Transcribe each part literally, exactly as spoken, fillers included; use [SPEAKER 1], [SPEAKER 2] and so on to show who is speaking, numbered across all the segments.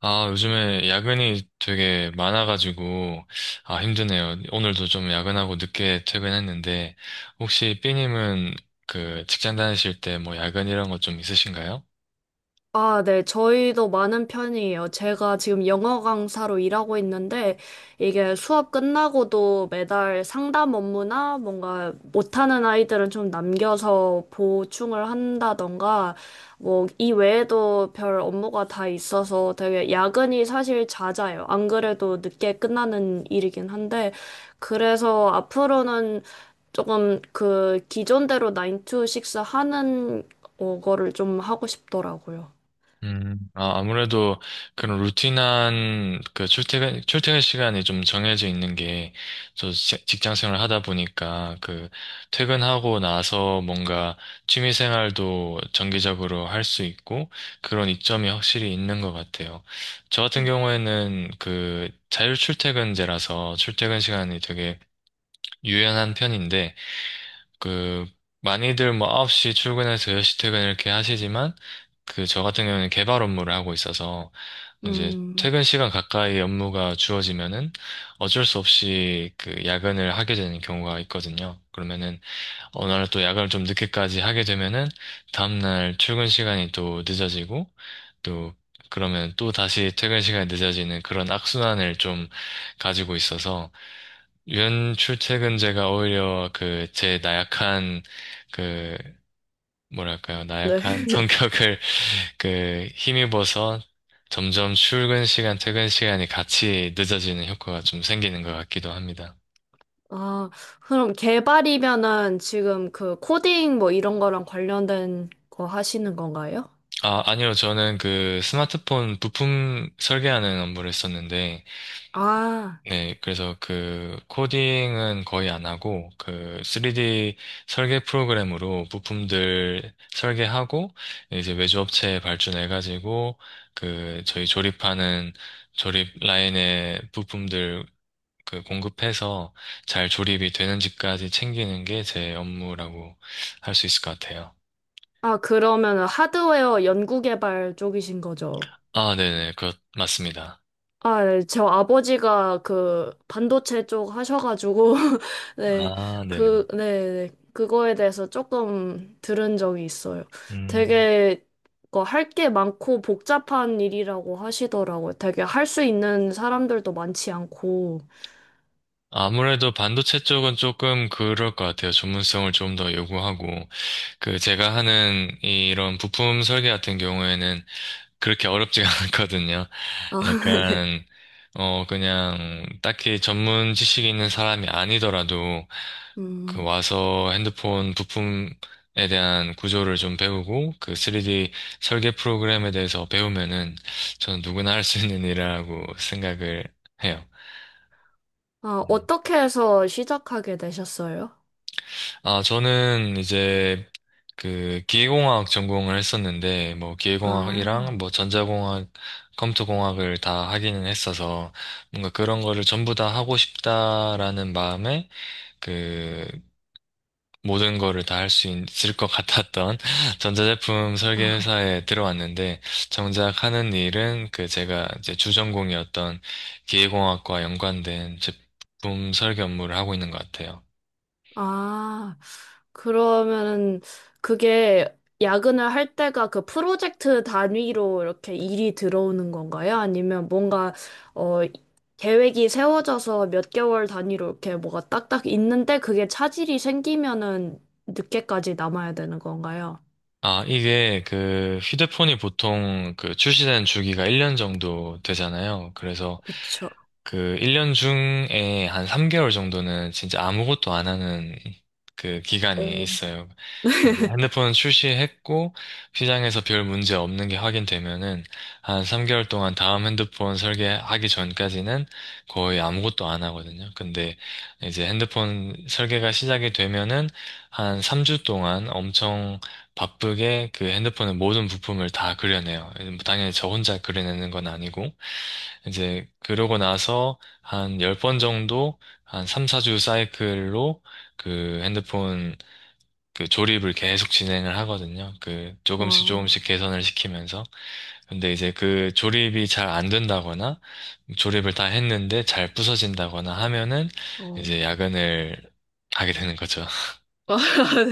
[SPEAKER 1] 아, 요즘에 야근이 되게 많아가지고, 아, 힘드네요. 오늘도 좀 야근하고 늦게 퇴근했는데, 혹시 삐님은 그 직장 다니실 때 뭐 야근 이런 거 좀 있으신가요?
[SPEAKER 2] 아, 네. 저희도 많은 편이에요. 제가 지금 영어 강사로 일하고 있는데, 이게 수업 끝나고도 매달 상담 업무나 뭔가 못하는 아이들은 좀 남겨서 보충을 한다던가, 뭐, 이 외에도 별 업무가 다 있어서 되게 야근이 사실 잦아요. 안 그래도 늦게 끝나는 일이긴 한데, 그래서 앞으로는 조금 그 기존대로 아홉 to 여섯 하는 어, 거를 좀 하고 싶더라고요.
[SPEAKER 1] 음, 아, 아무래도 그런 루틴한 그 출퇴근, 출퇴근 시간이 좀 정해져 있는 게, 저 시- 직장 생활을 하다 보니까 그 퇴근하고 나서 뭔가 취미 생활도 정기적으로 할 수 있고, 그런 이점이 확실히 있는 것 같아요. 저 같은
[SPEAKER 2] 네.
[SPEAKER 1] 경우에는 그 자율 출퇴근제라서 출퇴근 시간이 되게 유연한 편인데, 그 많이들 뭐 아홉 시 출근해서 열 시 퇴근 이렇게 하시지만, 그 저 같은 경우는 개발 업무를 하고 있어서 이제
[SPEAKER 2] 음,
[SPEAKER 1] 퇴근 시간 가까이 업무가 주어지면은 어쩔 수 없이 그 야근을 하게 되는 경우가 있거든요. 그러면은 어느 날 또 야근을 좀 늦게까지 하게 되면은 다음날 출근 시간이 또 늦어지고 또 그러면 또 다시 퇴근 시간이 늦어지는 그런 악순환을 좀 가지고 있어서 연 출퇴근제가 오히려 그 제 나약한 그 뭐랄까요
[SPEAKER 2] 네.
[SPEAKER 1] 나약한 성격을 그 힘입어서 점점 출근 시간, 퇴근 시간이 같이 늦어지는 효과가 좀 생기는 것 같기도 합니다.
[SPEAKER 2] 아, 그럼 개발이면은 지금 그 코딩 뭐 이런 거랑 관련된 거 하시는 건가요?
[SPEAKER 1] 아, 아니요. 저는 그 스마트폰 부품 설계하는 업무를 했었는데,
[SPEAKER 2] 아,
[SPEAKER 1] 네, 그래서 그 코딩은 거의 안 하고, 그 쓰리디 설계 프로그램으로 부품들 설계하고, 이제 외주업체에 발주해가지고, 그 저희 조립하는 조립 라인의 부품들 그 공급해서 잘 조립이 되는지까지 챙기는 게 제 업무라고 할 수 있을 것 같아요.
[SPEAKER 2] 아, 그러면은 하드웨어 연구 개발 쪽이신 거죠?
[SPEAKER 1] 아, 네네. 그, 맞습니다.
[SPEAKER 2] 아, 네. 저 아버지가 그 반도체 쪽 하셔가지고 네,
[SPEAKER 1] 아, 네네.
[SPEAKER 2] 그, 네, 네. 그거에 대해서 조금 들은 적이 있어요.
[SPEAKER 1] 음.
[SPEAKER 2] 되게 그 할게 많고 복잡한 일이라고 하시더라고요. 되게 할 수 있는 사람들도 많지 않고.
[SPEAKER 1] 아무래도 반도체 쪽은 조금 그럴 것 같아요. 전문성을 좀 더 요구하고. 그, 제가 하는 이런 부품 설계 같은 경우에는 그렇게 어렵지가 않거든요.
[SPEAKER 2] 아, 네.
[SPEAKER 1] 약간, 어, 그냥 딱히 전문 지식이 있는 사람이 아니더라도 그
[SPEAKER 2] 음.
[SPEAKER 1] 와서 핸드폰 부품에 대한 구조를 좀 배우고 그 쓰리디 설계 프로그램에 대해서 배우면은 저는 누구나 할 수 있는 일이라고 생각을 해요.
[SPEAKER 2] 아,
[SPEAKER 1] 음.
[SPEAKER 2] 어떻게 해서 시작하게 되셨어요?
[SPEAKER 1] 아, 저는 이제 그 기계공학 전공을 했었는데 뭐 기계공학이랑
[SPEAKER 2] 아.
[SPEAKER 1] 뭐 전자공학, 컴퓨터공학을 다 하기는 했어서 뭔가 그런 거를 전부 다 하고 싶다라는 마음에 그 모든 거를 다 할 수 있을 것 같았던 전자제품 설계
[SPEAKER 2] 아.
[SPEAKER 1] 회사에 들어왔는데 정작 하는 일은 그 제가 이제 주전공이었던 기계공학과 연관된 제품 설계 업무를 하고 있는 것 같아요.
[SPEAKER 2] 아, 그러면은 그게 야근을 할 때가 그 프로젝트 단위로 이렇게 일이 들어오는 건가요? 아니면 뭔가 어 계획이 세워져서 몇 개월 단위로 이렇게 뭐가 딱딱 있는데 그게 차질이 생기면은 늦게까지 남아야 되는 건가요?
[SPEAKER 1] 아, 이게 그 휴대폰이 보통 그 출시된 주기가 일 년 정도 되잖아요. 그래서
[SPEAKER 2] 그쵸.
[SPEAKER 1] 그 일 년 중에 한 삼 개월 정도는 진짜 아무것도 안 하는 그 기간이
[SPEAKER 2] 어.
[SPEAKER 1] 있어요. 이제 핸드폰 출시했고 시장에서 별 문제 없는 게 확인되면은 한 삼 개월 동안 다음 핸드폰 설계하기 전까지는 거의 아무것도 안 하거든요. 근데 이제 핸드폰 설계가 시작이 되면은 한 삼 주 동안 엄청 바쁘게 그 핸드폰의 모든 부품을 다 그려내요. 당연히 저 혼자 그려내는 건 아니고 이제 그러고 나서 한 열 번 정도 한 삼, 사 주 사이클로 그 핸드폰 그 조립을 계속 진행을 하거든요. 그 조금씩 조금씩
[SPEAKER 2] 아,
[SPEAKER 1] 개선을 시키면서. 근데 이제 그 조립이 잘 안 된다거나 조립을 다 했는데 잘 부서진다거나 하면은
[SPEAKER 2] 어.
[SPEAKER 1] 이제 야근을 하게 되는 거죠.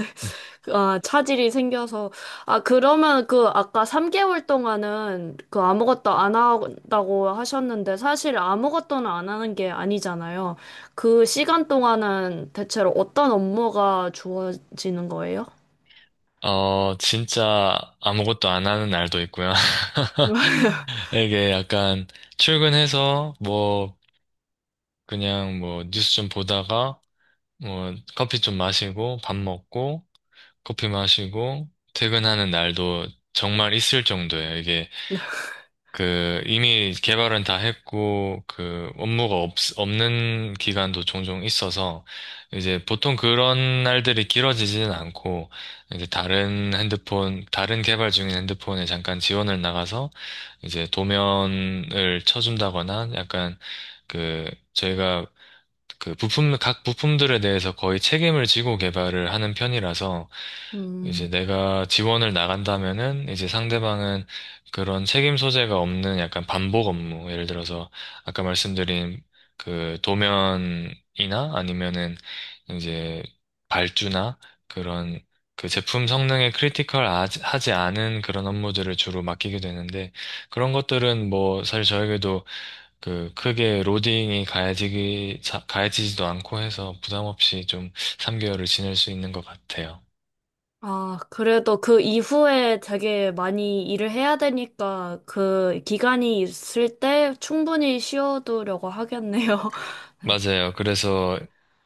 [SPEAKER 1] 음.
[SPEAKER 2] 아, 차질이 생겨서. 아, 그러면 그 아까 삼 개월 동안은 그 아무것도 안 한다고 하셨는데 사실 아무것도는 안 하는 게 아니잖아요. 그 시간 동안은 대체로 어떤 업무가 주어지는 거예요?
[SPEAKER 1] 어, 진짜 아무것도 안 하는 날도 있고요. 이게 약간 출근해서 뭐 그냥 뭐 뉴스 좀 보다가 뭐 커피 좀 마시고 밥 먹고 커피 마시고 퇴근하는 날도 정말 있을 정도예요. 이게 그 이미 개발은 다 했고 그 업무가 없, 없는 기간도 종종 있어서 이제 보통 그런 날들이 길어지지는 않고 이제 다른 핸드폰 다른 개발 중인 핸드폰에 잠깐 지원을 나가서 이제 도면을 쳐준다거나 약간 그 저희가 그 부품, 각 부품들에 대해서 거의 책임을 지고 개발을 하는 편이라서 이제
[SPEAKER 2] 음.
[SPEAKER 1] 내가 지원을 나간다면은 이제 상대방은 그런 책임 소재가 없는 약간 반복 업무. 예를 들어서 아까 말씀드린 그 도면이나 아니면은 이제 발주나 그런 그 제품 성능에 크리티컬하지 않은 그런 업무들을 주로 맡기게 되는데 그런 것들은 뭐 사실 저에게도 그 크게 로딩이 가해지기 자- 가해지지도 않고 해서 부담 없이 좀 삼 개월을 지낼 수 있는 것 같아요.
[SPEAKER 2] 아, 그래도 그 이후에 되게 많이 일을 해야 되니까 그 기간이 있을 때 충분히 쉬어두려고 하겠네요.
[SPEAKER 1] 맞아요. 그래서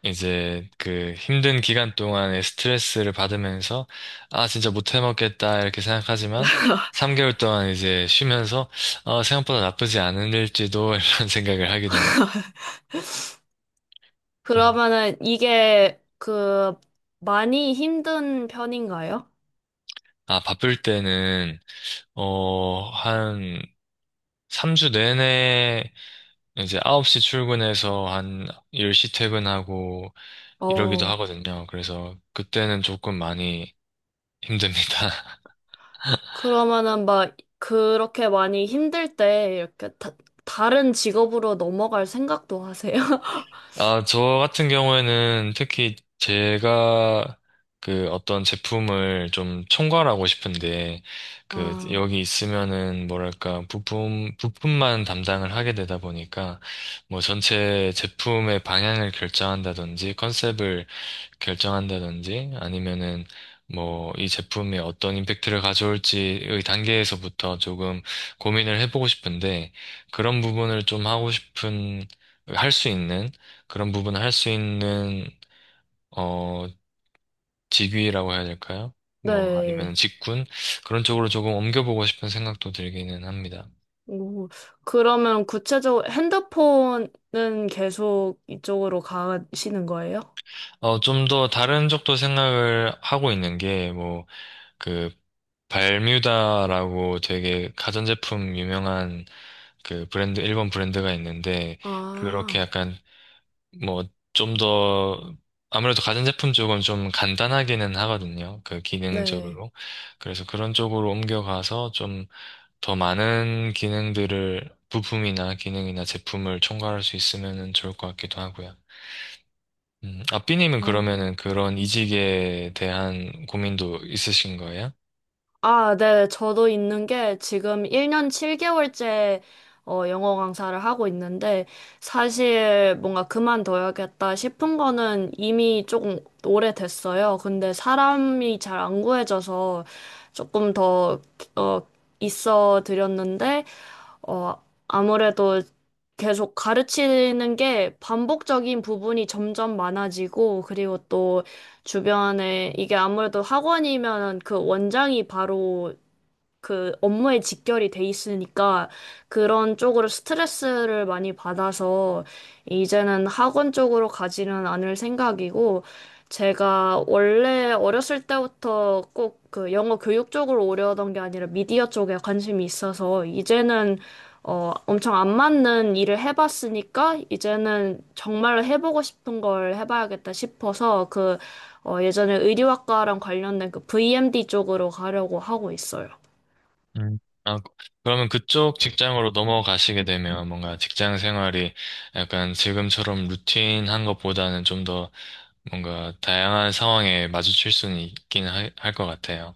[SPEAKER 1] 이제 그 힘든 기간 동안에 스트레스를 받으면서 아 진짜 못 해먹겠다 이렇게 생각하지만 삼 개월 동안 이제 쉬면서 어, 생각보다 나쁘지 않을지도 이런 생각을 하게 되는. 음.
[SPEAKER 2] 그러면은 이게 그 많이 힘든 편인가요?
[SPEAKER 1] 아 바쁠 때는 어 한 삼 주 내내 이제 아홉 시 출근해서 한 열 시 퇴근하고 이러기도
[SPEAKER 2] 어,
[SPEAKER 1] 하거든요. 그래서 그때는 조금 많이 힘듭니다.
[SPEAKER 2] 그러면은 막 그렇게 많이 힘들 때 이렇게 다, 다른 직업으로 넘어갈 생각도 하세요?
[SPEAKER 1] 아, 저 같은 경우에는 특히 제가 그 어떤 제품을 좀 총괄하고 싶은데 그
[SPEAKER 2] 아,
[SPEAKER 1] 여기 있으면은 뭐랄까 부품 부품만 담당을 하게 되다 보니까 뭐 전체 제품의 방향을 결정한다든지 컨셉을 결정한다든지 아니면은 뭐 이 제품이 어떤 임팩트를 가져올지의 단계에서부터 조금 고민을 해보고 싶은데 그런 부분을 좀 하고 싶은 할 수 있는 그런 부분을 할 수 있는 어 직위라고 해야 될까요? 뭐
[SPEAKER 2] 네.
[SPEAKER 1] 아니면 직군 그런 쪽으로 조금 옮겨보고 싶은 생각도 들기는 합니다.
[SPEAKER 2] 오, 그러면 구체적으로 핸드폰은 계속 이쪽으로 가시는 거예요?
[SPEAKER 1] 어 좀 더 다른 쪽도 생각을 하고 있는 게뭐그 발뮤다라고 되게 가전제품 유명한 그 브랜드, 일본 브랜드가 있는데, 그렇게
[SPEAKER 2] 아,
[SPEAKER 1] 약간, 뭐, 좀 더, 아무래도 가전제품 쪽은 좀 간단하기는 하거든요. 그
[SPEAKER 2] 네.
[SPEAKER 1] 기능적으로. 그래서 그런 쪽으로 옮겨가서 좀 더 많은 기능들을, 부품이나 기능이나 제품을 총괄할 수 있으면 좋을 것 같기도 하고요. 음, 아삐님은
[SPEAKER 2] 어.
[SPEAKER 1] 그러면은 그런 이직에 대한 고민도 있으신 거예요?
[SPEAKER 2] 아, 네. 저도 있는 게 지금 일 년 칠 개월째 어, 영어 강사를 하고 있는데 사실 뭔가 그만둬야겠다 싶은 거는 이미 조금 오래됐어요. 근데 사람이 잘 안 구해져서 조금 더 어, 있어 드렸는데 어, 아무래도 계속 가르치는 게 반복적인 부분이 점점 많아지고, 그리고 주변에 이게 아무래도 학원이면 그 원장이 바로 그 업무에 직결이 돼 있으니까 그런 쪽으로 스트레스를 많이 받아서 이제는 학원 쪽으로 가지는 않을 생각이고, 제가 원래 어렸을 때부터 꼭 그 영어 교육 쪽으로 오려던 게 아니라 미디어 쪽에 관심이 있어서 이제는 어 엄청 안 맞는 일을 해봤으니까 이제는 정말로 해보고 싶은 걸 해봐야겠다 싶어서 그 어 예전에 의류학과랑 관련된 그 브이엠디 쪽으로 가려고 하고 있어요.
[SPEAKER 1] 음. 아, 그- 그러면 그쪽 직장으로 넘어가시게 되면 뭔가 직장 생활이 약간 지금처럼 루틴한 것보다는 좀 더 뭔가 다양한 상황에 마주칠 수는 있긴 할 것 같아요.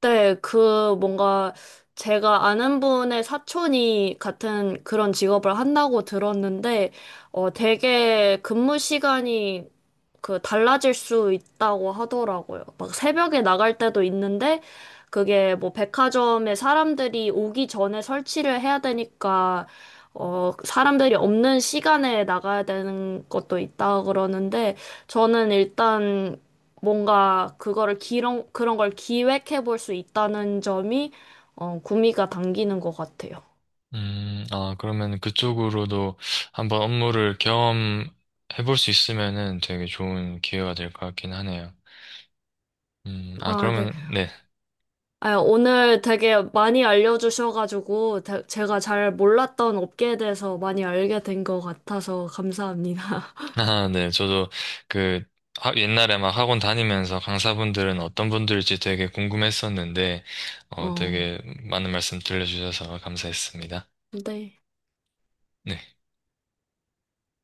[SPEAKER 2] 네, 그 뭔가 제가 아는 분의 사촌이 같은 그런 직업을 한다고 들었는데, 어, 되게 근무 시간이 그 달라질 수 있다고 하더라고요. 막 새벽에 나갈 때도 있는데, 그게 뭐 백화점에 사람들이 오기 전에 설치를 해야 되니까, 어, 사람들이 없는 시간에 나가야 되는 것도 있다 그러는데, 저는 일단 뭔가 그거를 기런, 그런 걸 기획해 볼 수 있다는 점이 어, 구미가 당기는 것 같아요.
[SPEAKER 1] 음, 아, 그러면 그쪽으로도 한번 업무를 경험해 볼 수 있으면은 되게 좋은 기회가 될 것 같긴 하네요. 음, 아,
[SPEAKER 2] 아, 네.
[SPEAKER 1] 그러면, 네.
[SPEAKER 2] 아, 오늘 되게 많이 알려주셔가지고 대- 제가 잘 몰랐던 업계에 대해서 많이 알게 된 것 같아서 감사합니다.
[SPEAKER 1] 아, 네. 저도 그 하- 옛날에 막 학원 다니면서 강사분들은 어떤 분들일지 되게 궁금했었는데, 어,
[SPEAKER 2] 어,
[SPEAKER 1] 되게 많은 말씀 들려주셔서 감사했습니다.
[SPEAKER 2] 네.
[SPEAKER 1] 네.